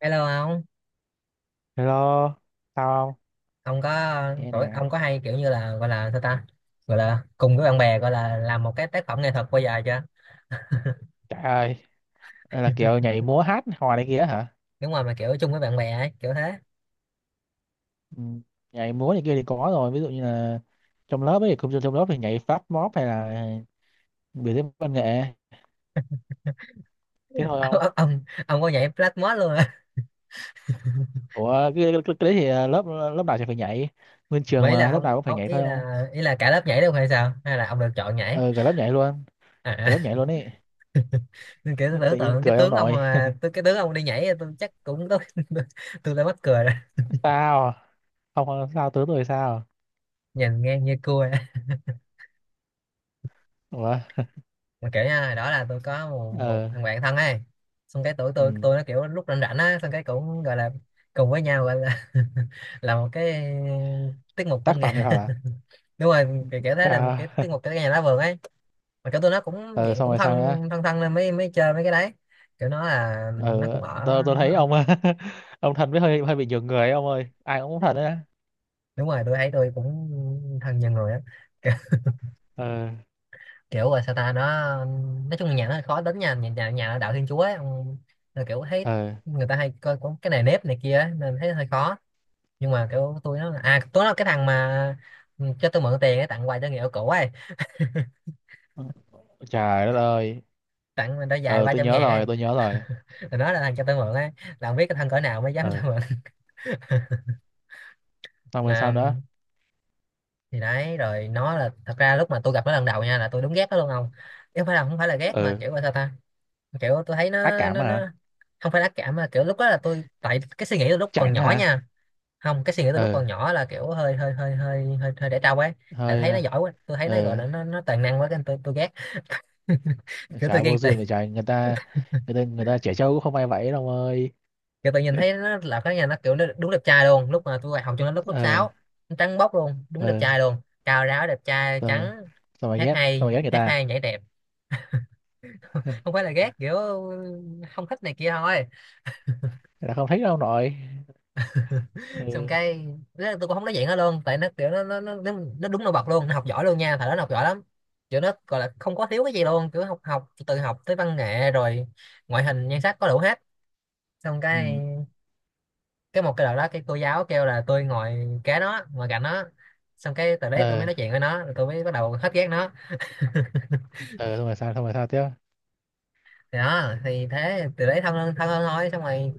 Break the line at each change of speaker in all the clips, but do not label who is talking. Hello ông.
Hello, sao không?
Ông có
Nghe
Tuổi
nè,
ông có hay kiểu như là gọi là sao ta, gọi là cùng với bạn bè gọi là làm một cái tác phẩm nghệ thuật bao giờ chưa?
trời ơi, đây là kiểu nhảy múa hát hò này kia hả?
Đúng rồi, mà kiểu chung với bạn bè ấy, kiểu thế.
Ừ. Nhảy múa này kia thì có rồi, ví dụ như là trong lớp ấy, không trong lớp thì nhảy Fast Mob hay là biểu diễn văn nghệ, thế thôi không?
Ông có nhảy flashmob luôn à?
Ủa, cái đấy thì lớp lớp nào thì phải nhảy, nguyên trường
Mấy là
mà lớp
ông,
nào cũng phải
ông
nhảy
ý
thôi không?
là cả lớp nhảy luôn hay sao, hay là ông được chọn nhảy?
Ừ, cả lớp nhảy luôn,
À.
cả lớp nhảy luôn ấy,
Nên kiểu tôi
tự
tưởng
nhiên
tượng cái
cười ông
tướng ông,
nội.
mà tôi cái tướng ông đi nhảy tôi chắc cũng tôi tôi đã mắc cười rồi,
Sao? Không, không, sao tướng rồi sao?
nhìn ngang như cua.
Ủa,
Mà kiểu nha, đó là tôi có một
ờ,
thằng bạn thân ấy. Xong cái tụi
ừ.
tôi nó kiểu lúc rảnh rảnh á, xong cái cũng gọi là cùng với nhau, gọi là là một cái tiết mục văn
Tác
nghệ.
phẩm nghệ thuật à?
Đúng rồi, kiểu thế là cái
À,
tiết mục cái nhà lá vườn ấy. Mà kiểu tôi nó cũng
ừ,
dạng
xong
cũng
rồi
thân,
sao nữa?
thân nên mới mới chơi mấy cái đấy. Kiểu nó là nó
Ờ,
cũng ở
tôi thấy
nó,
ông. Ông Thành với hơi hơi bị nhường người ấy, ông ơi, ai cũng muốn Thành đấy á.
đúng rồi, tôi thấy tôi cũng thân nhiều người á.
Ờ,
Kiểu là sao ta, nó nói chung là nhà nó hơi khó tính nha, nhà nhà, nhà đạo Thiên Chúa ấy, ông- là kiểu thấy
ờ,
người ta hay coi có cái này nếp này kia ấy, nên thấy hơi khó. Nhưng mà kiểu tôi nó, à tôi nó cái thằng mà ừ, cho tôi mượn tiền ấy, tặng quà cho người yêu cũ ấy,
trời đất ơi.
tặng mình đôi giày
Ờ,
ba
tôi
trăm
nhớ
ngàn ấy.
rồi, tôi nhớ rồi.
Rồi nó là thằng cho tôi mượn ấy, là không biết cái thằng cỡ nào mới dám cho
Ờ,
mượn.
xong rồi
Mà
sao nữa?
thì đấy, rồi nó là, thật ra lúc mà tôi gặp nó lần đầu nha là tôi đúng ghét nó luôn, không chứ không phải là, không phải là ghét mà
Ờ,
kiểu là sao ta, kiểu tôi thấy
ác
nó
cảm
nó
hả?
nó không phải ác cảm mà kiểu lúc đó là tôi, tại cái suy nghĩ tôi lúc còn
Chảnh
nhỏ
hả?
nha, không, cái suy nghĩ tôi lúc
Ờ,
còn nhỏ là kiểu hơi hơi hơi hơi hơi, hơi để trâu ấy, tại thấy nó
hơi,
giỏi quá. Tôi thấy nó gọi
ờ,
là nó toàn năng quá, cái tôi ghét. Kiểu tôi
trời vô
ghen tị,
duyên vậy trời, người ta, người ta, người ta trẻ trâu cũng không ai vậy đâu ông ơi.
kiểu tôi nhìn thấy nó là cái nhà nó kiểu nó đúng đẹp trai luôn, lúc mà tôi vào học cho nó lúc lớp
Ờ,
sáu. Nó trắng bóc luôn, đúng đẹp
ờ,
trai luôn, cao ráo đẹp trai
ờ,
trắng,
sao mà ghét, sao mà ghét người
hát
ta,
hay, nhảy đẹp. Không phải là ghét, kiểu không thích này kia thôi.
người ta không thích đâu ông nội.
Xong
Ừ,
cái đó, tôi cũng không nói chuyện nó luôn, tại nó kiểu nó nó đúng nổi bật luôn, nó học giỏi luôn nha, thời đó nó học giỏi lắm. Kiểu nó gọi là không có thiếu cái gì luôn, kiểu học, từ học tới văn nghệ, rồi ngoại hình nhan sắc có đủ hết. Xong cái
ừ,
cái một cái đợt đó, cái cô giáo kêu là tôi ngồi kế nó, ngồi cạnh nó, xong cái từ đấy tôi mới
ờ,
nói chuyện với nó, rồi tôi mới bắt đầu hết ghét nó.
ờ, xong rồi sao, xong rồi sao tiếp?
Thì đó, thì thế, từ đấy thân hơn, thân hơn thôi. Xong rồi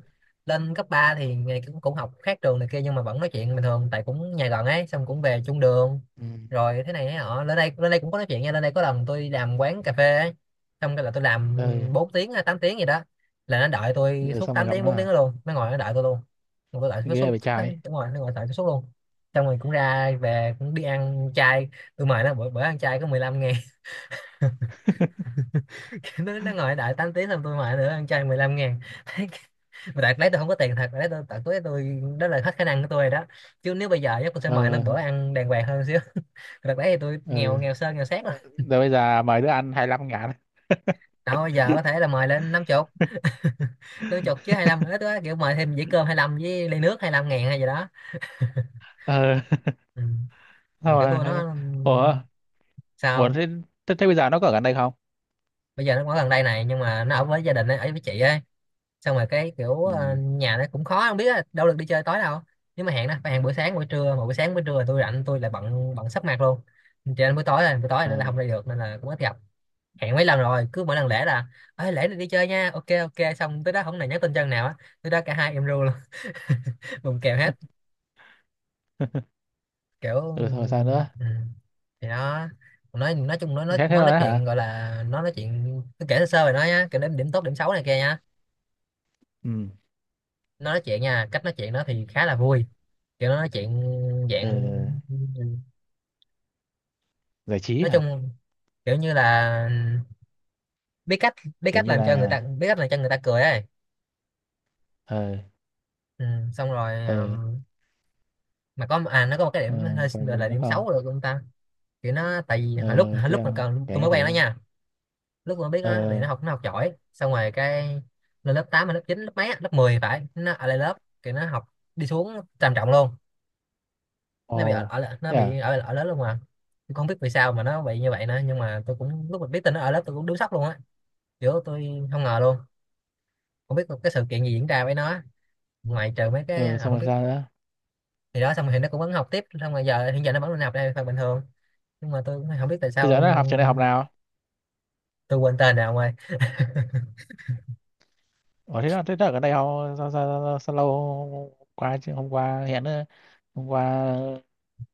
lên cấp 3 thì ngày cũng cũng học khác trường này kia, nhưng mà vẫn nói chuyện bình thường, tại cũng nhà gần ấy, xong cũng về chung đường.
Ừ,
Rồi thế này thế họ, lên đây, lên đây cũng có nói chuyện nha. Lên đây có lần tôi đi làm quán cà phê ấy, xong cái là tôi làm
ờ,
4 tiếng hay 8 tiếng gì đó, là nó đợi tôi
rồi
suốt
xong rồi
tám
gặp
tiếng
nó
4 tiếng đó
à?
luôn, nó ngồi nó đợi tôi luôn. Mà tôi đợi suốt
Ghê
suốt
vậy
suốt,
trời.
đúng rồi, nó ngồi đợi tôi suốt luôn. Xong rồi cũng ra về, cũng đi ăn chay, tôi mời nó bữa bữa ăn chay có 15.000. Nó ngồi đợi 8 tiếng xong tôi mời nữa ăn chay 15.000. Mà đợt đấy tôi không có tiền thật đấy, tôi tận túi tôi, đó là hết khả năng của tôi rồi đó, chứ nếu bây giờ chắc tôi sẽ mời nó
Ờ,
bữa ăn đàng hoàng hơn xíu. Đợt đấy thì tôi nghèo,
ừ.
nghèo sơn nghèo xét rồi.
Ờ, rồi bây giờ mời đứa ăn 25 ngàn.
Đâu, bây giờ có thể là mời lên 50. 50 chứ 25, nữa tôi kiểu mời thêm dĩa cơm 25 với ly nước 25.000 hay gì đó.
Ờ,
Ừ. Mà
sao
kiểu tôi
mà,
nó
ủa, ủa
sao,
thế, thế bây giờ nó có ở gần đây không?
bây giờ nó ở gần đây này, nhưng mà nó ở với gia đình ấy, ở với chị ấy. Xong rồi cái kiểu
Ừ,
ờ, nhà nó cũng khó không biết á, đâu được đi chơi tối đâu. Nếu mà hẹn đó phải hẹn buổi sáng buổi trưa, mà buổi sáng buổi trưa là tôi rảnh, tôi lại bận, sắp mặt luôn, cho nên buổi tối, rồi buổi tối nó là
ờ.
không đi được, nên là cũng ít gặp. Hẹn mấy lần rồi, cứ mỗi lần lễ là ơi lễ này đi chơi nha, ok ok, xong tới đó không này, nhắn tin chân nào á, tới đó cả hai em ru luôn. Bùng kèo hết. Kiểu
Ừ, thôi sao nữa?
ừ. Thì nó nói chung nó nói,
Thế thế
nó nói
thôi á hả?
chuyện gọi là, nó nói chuyện tôi kể sơ sơ rồi nói nhá, kể đến điểm tốt điểm xấu này kia nhá.
Ừ,
Nó nói chuyện nha, cách nói chuyện nó thì khá là vui, kiểu nó nói chuyện
ờ,
dạng,
giải trí
nói
hả?
chung kiểu như là biết cách, biết
Kiểu
cách
như
làm cho người
là,
ta biết cách làm cho người ta cười ấy.
ờ,
Ừ, xong rồi
ờ,
mà có, à nó có một cái điểm
ờ,
hơi
còn
gọi
gì
là
nữa
điểm
không?
xấu được ông ta. Kiểu nó tại vì hồi lúc,
Ờ,
hồi lúc
tiếp,
mà còn
kể
tôi mới
nghe
quen nó
thử.
nha, lúc mà biết nó thì
Ờ,
nó học, nó học giỏi, xong rồi cái lên lớp 8 hay lớp 9 lớp mấy á, lớp 10 phải, nó ở lại lớp. Kiểu nó học đi xuống trầm trọng luôn, nó bị ở,
ồ,
ở lại- nó
thế
bị
à?
ở ở lớp luôn mà. Tôi không biết vì sao mà nó bị như vậy nữa, nhưng mà tôi cũng lúc mà biết tin nó ở lớp tôi cũng đứng sốc luôn á, kiểu tôi không ngờ luôn, không biết cái sự kiện gì diễn ra với nó, ngoại trừ mấy cái
Ờ,
à,
xong
không
rồi
biết.
sao nữa?
Thì đó xong rồi thì nó cũng vẫn học tiếp, xong rồi giờ hiện giờ nó vẫn đi học đây phần bình thường, nhưng mà tôi cũng không biết tại
Bây
sao. Ừ,
giờ nó học trường đại học nào?
tôi quên tên rồi ông ơi.
Ủa, thế là, thế là ở đây họ sao, sao, sao, sao lâu, hôm qua chứ, hôm qua hẹn nữa. Hôm qua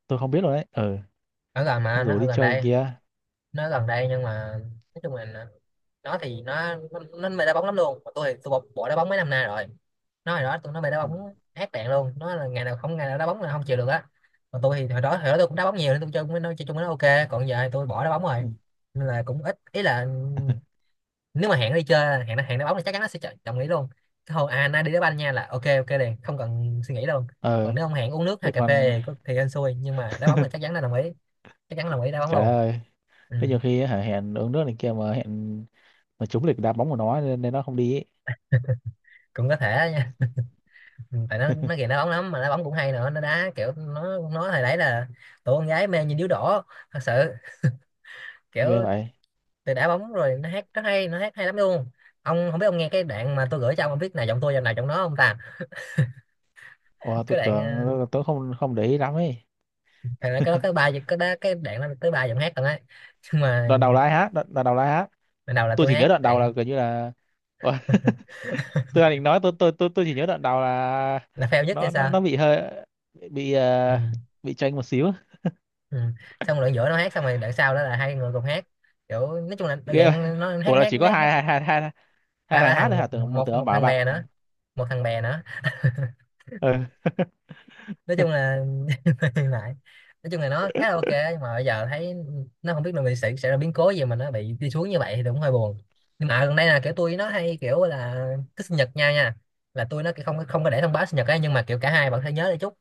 tôi không biết rồi đấy, ừ.
Ở gần mà,
Không
nó
rủ
ở
đi
gần
chơi này
đây,
kia?
nó ở gần đây nhưng mà nói chung là nó thì nó mê đá bóng lắm luôn, mà tôi thì tôi bỏ, bỏ đá bóng mấy năm nay rồi. Nó hồi đó tôi nó mê đá
Ừ.
bóng ác đạn luôn, nó là ngày nào không, ngày nào đá bóng là không chịu được á. Còn tôi thì hồi đó tôi cũng đá bóng nhiều nên tôi chơi cũng- nó chơi chung với nó ok, còn giờ thì tôi bỏ đá bóng
Ừ.
rồi, nên là cũng ít, ý là nếu mà hẹn nó đi chơi, hẹn nó, hẹn nó bóng thì chắc chắn nó sẽ chọn đồng ý luôn. Cái hồi à nay đi đá banh nha là ok ok liền, không cần suy nghĩ đâu. Còn
Ờ,
nếu ông hẹn uống nước hay
chứ
cà phê
còn.
thì, có- thì hên xui, nhưng mà đá bóng là chắc chắn là đồng ý, chắc chắn đồng ý đá bóng
Trời
luôn.
ơi,
Ừ.
thế nhiều khi hả, hẹn uống nước này kia mà hẹn mà trúng lịch đá bóng của nó nên, nên nó không đi ấy.
Cũng có thể đó nha. Ừ, tại nó ghiền đá bóng lắm, mà đá bóng cũng hay nữa, nó đá kiểu nó hồi đấy là tụi con gái mê như điếu đổ, thật sự. Kiểu
Ghê vậy.
từ đá bóng, rồi nó hát rất hay, nó hát hay lắm luôn. Ông không biết ông nghe cái đoạn mà tôi gửi cho ông biết nào giọng tôi giọng nào giọng nó không ta?
Ủa,
Cái
tôi
đoạn
tưởng
ờ,
tôi không không để ý lắm ấy.
thì nó có cái ba cái đó, cái đoạn nó tới ba giọng hát còn ấy. Nhưng mà
Đoạn đầu là ai hát, đoạn đầu là ai hát?
ban đầu là
Tôi
tôi
chỉ nhớ
hát,
đoạn đầu là
đoạn
gần như là, ủa, tôi đang định nói, tôi chỉ nhớ đoạn đầu là
là fail nhất hay
nó nó
sao.
nó bị hơi bị,
Ừ.
bị chênh một xíu.
Ừ. Xong đoạn giữa nó hát, xong rồi đoạn sau đó là hai người cùng hát. Kiểu nói chung là
Ghê vậy.
đoạn nó hát,
Ủa, là
hát
chỉ có
hát, hát.
hai hai hai hai hai
Ba
thằng
ba
hát thôi
thằng, một
hả, tưởng một, tưởng
một
ông
một
bảo
thằng
bạn.
bè nữa, một thằng bè nữa
Ừ.
nói chung là hiện nói chung là nó khá là ok nhưng mà bây giờ thấy nó không biết là mình sẽ ra biến cố gì mà nó bị đi xuống như vậy thì cũng hơi buồn. Nhưng mà gần đây là kiểu tôi nó hay kiểu là cái sinh nhật nhau nha, là tôi nó kiểu không không có để thông báo sinh nhật ấy, nhưng mà kiểu cả hai bạn phải nhớ để chúc.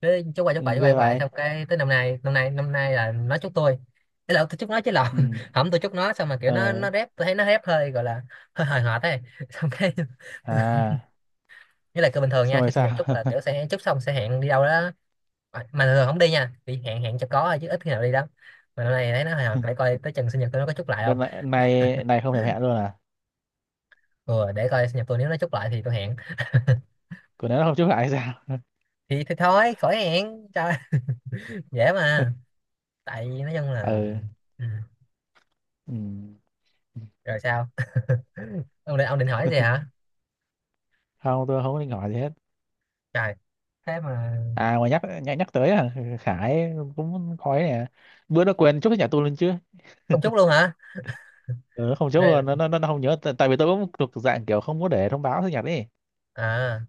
Cái chúc qua chúc lại
Ừ,
chúc qua
ghê
chúc lại,
vậy.
xong cái tới năm nay là nó chúc tôi, thế là tôi chúc nó chứ lộn,
Ừ,
không tôi chúc nó xong mà kiểu nó
ờ,
nó rép, tôi thấy nó rép hơi gọi là hơi hời hợt ấy. Xong cái
à,
nghĩa là cứ bình thường
xong
nha,
rồi
khi sinh nhật chúc
sao?
là kiểu sẽ chúc xong sẽ hẹn đi đâu đó. Ờ, mà thường không đi nha, bị hẹn hẹn cho có thôi chứ ít khi nào đi lắm, mà hôm nay thấy nó hồi hộp, để coi tới chừng sinh nhật tôi nó có chúc lại không.
Bên này này này không thèm hẹn luôn à?
Ừ, để coi sinh nhật tôi nếu nó chúc lại thì tôi hẹn.
Của nó không chúc lại hay sao?
Thì thôi khỏi hẹn trời, dễ mà. Tại vì nói chung là
Ừ,
ừ.
ừ.
Rồi sao, ông định hỏi gì hả?
Không, tôi không có định hỏi gì hết.
Trời, thế mà
À, mà nhắc nhắc nhắc tới, Khải cũng khói nè, bữa nó quên chúc cái nhà tôi lên chứ.
không chúc luôn hả?
Ừ, không chốt
Rồi,
luôn, nó không nhớ, tại vì tôi cũng thuộc dạng kiểu không có để thông báo sinh nhật ấy.
à,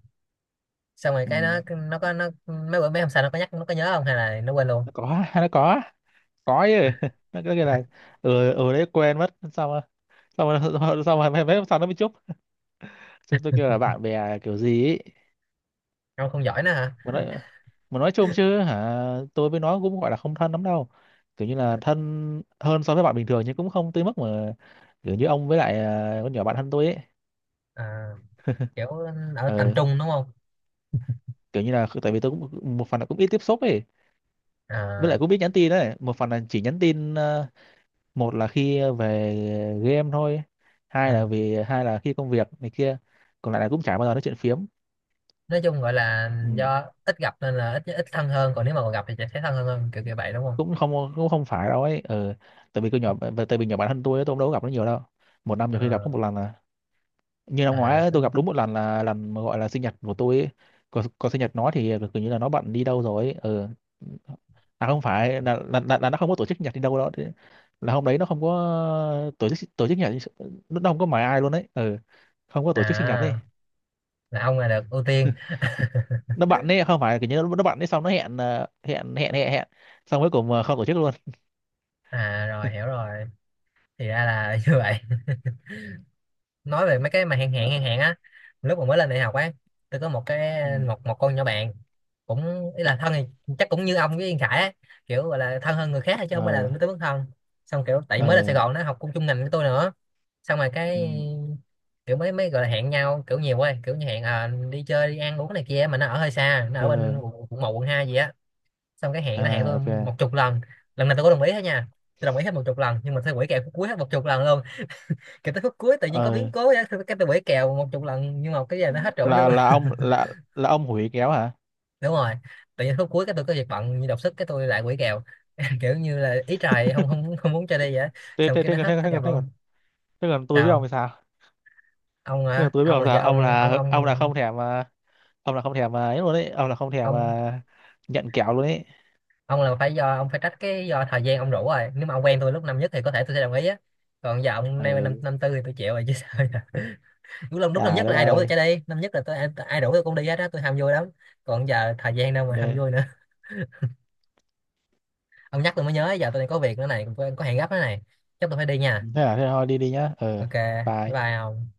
xong rồi
Ừ.
cái nó mấy bữa mấy hôm sau nó có nhắc, nó có nhớ không hay là nó quên luôn?
Nó có, nó có chứ. Nó cứ kêu là ừ ừ đấy, quên mất, xong rồi, xong rồi. Xong rồi, xong rồi mấy, mấy hôm sau nó mới chúc. Chúng tôi kêu là bạn bè kiểu gì ấy.
Ông không giỏi nữa hả?
Mà nói, mà nói chung chứ hả, tôi với nó cũng gọi là không thân lắm đâu, kiểu như là thân hơn so với bạn bình thường nhưng cũng không tới mức mà kiểu như ông với lại, con nhỏ bạn thân tôi ấy.
à, kiểu ở tầm
Ừ.
trung đúng không?
Kiểu như là, tại vì tôi cũng một phần là cũng ít tiếp xúc ấy, với
À,
lại cũng biết nhắn tin đấy, một phần là chỉ nhắn tin, một là khi về game thôi, hai là
à.
vì, hai là khi công việc này kia, còn lại là cũng chả bao giờ nói chuyện phiếm.
Nói chung gọi là
Ừ.
do ít gặp nên là ít ít thân hơn, còn nếu mà còn gặp thì sẽ thấy thân hơn hơn kiểu kiểu vậy đúng không?
Cũng không, cũng không phải đâu ấy, ừ. Tại vì tôi nhỏ, tại vì nhỏ bản thân tôi ấy, tôi cũng đâu có gặp nó nhiều đâu, một năm
Ờ,
nhiều khi gặp có một lần à. Như năm
à,
ngoái ấy, tôi
có-
gặp đúng một lần là lần mà gọi là sinh nhật của tôi ấy. Còn, còn sinh nhật nó thì kiểu như là nó bận đi đâu rồi ấy. Ừ. À, không phải là, là nó không có tổ chức sinh nhật đi đâu đó. Thế là hôm đấy nó không có, tổ chức, tổ chức sinh nhật, nó không có mời ai luôn đấy, ừ. Không có tổ chức sinh nhật đi,
à, là ông là được ưu tiên.
nó bận đấy, không phải kiểu như nó bận đấy xong nó hẹn, hẹn, hẹn xong cuối cùng, không tổ chức luôn.
À rồi hiểu rồi, thì ra là như vậy. Nói về mấy cái mà hẹn hẹn hẹn
Ờ,
hẹn á, lúc mà mới lên đại học á, tôi có một
ừ.
cái một một con nhỏ bạn cũng ý là thân thì chắc cũng như ông với Yên Khải á, kiểu gọi là thân hơn người khác thôi chứ không phải là
Ờ,
tới mức thân. Xong kiểu tại mới lên Sài
ờ,
Gòn nó học cùng chung ngành với tôi nữa, xong rồi cái
ừ.
kiểu mới mới gọi là hẹn nhau kiểu nhiều quá, kiểu như hẹn, à, đi chơi đi ăn uống này kia, mà nó ở hơi xa, nó
Ờ,
ở bên
ờ,
quận quận một quận hai gì á. Xong cái hẹn, nó hẹn
à,
tôi
ok.
một chục lần, lần nào tôi có đồng ý hết nha, tôi đồng ý hết một chục lần nhưng mà tôi quỷ kèo phút cuối hết một chục lần luôn. Kiểu tới phút cuối tự nhiên có
Ờ,
biến cố á, cái tôi quỷ kèo một chục lần nhưng mà cái giờ nó hết chỗ
là,
nữa.
là ông là là ông hủy kéo hả?
đúng rồi, tự nhiên phút cuối cái tôi có việc bận như đột xuất cái tôi lại quỷ kèo, kiểu như là ý trời không không không muốn cho đi vậy á.
thế
Xong
thế
cái
thế
nó
thế
hết
thế
hết
thế
gặp
còn, thế,
luôn.
thế còn tôi biết ông
Sao?
thì sao?
Ông
Thế
hả?
còn tôi biết
Ông
ông
là
sao,
do
ông
ông
là, ông là không thèm mà, ông là không thèm mà ấy luôn đấy, ông là không thèm
ông
mà nhận kẹo luôn ấy.
ông là phải do ông, phải trách cái do thời gian ông rủ rồi, nếu mà ông quen tôi lúc năm nhất thì có thể tôi sẽ đồng ý á, còn giờ ông nay năm
Ừ,
năm tư thì tôi chịu rồi chứ sao giờ. Lúc lúc năm
trời
nhất
đất
là ai rủ tôi
ơi.
chạy đi, năm nhất là tôi ai ai rủ tôi cũng đi hết á, tôi ham vui lắm. Còn giờ thời gian đâu mà ham
Đây.
vui nữa. Ông nhắc tôi mới nhớ, giờ tôi đang có việc nữa này, có hẹn gấp nữa này, chắc tôi phải đi nha.
Thế là thế thôi đi đi nhá, ừ,
Ok bye,
bye.
bye ông.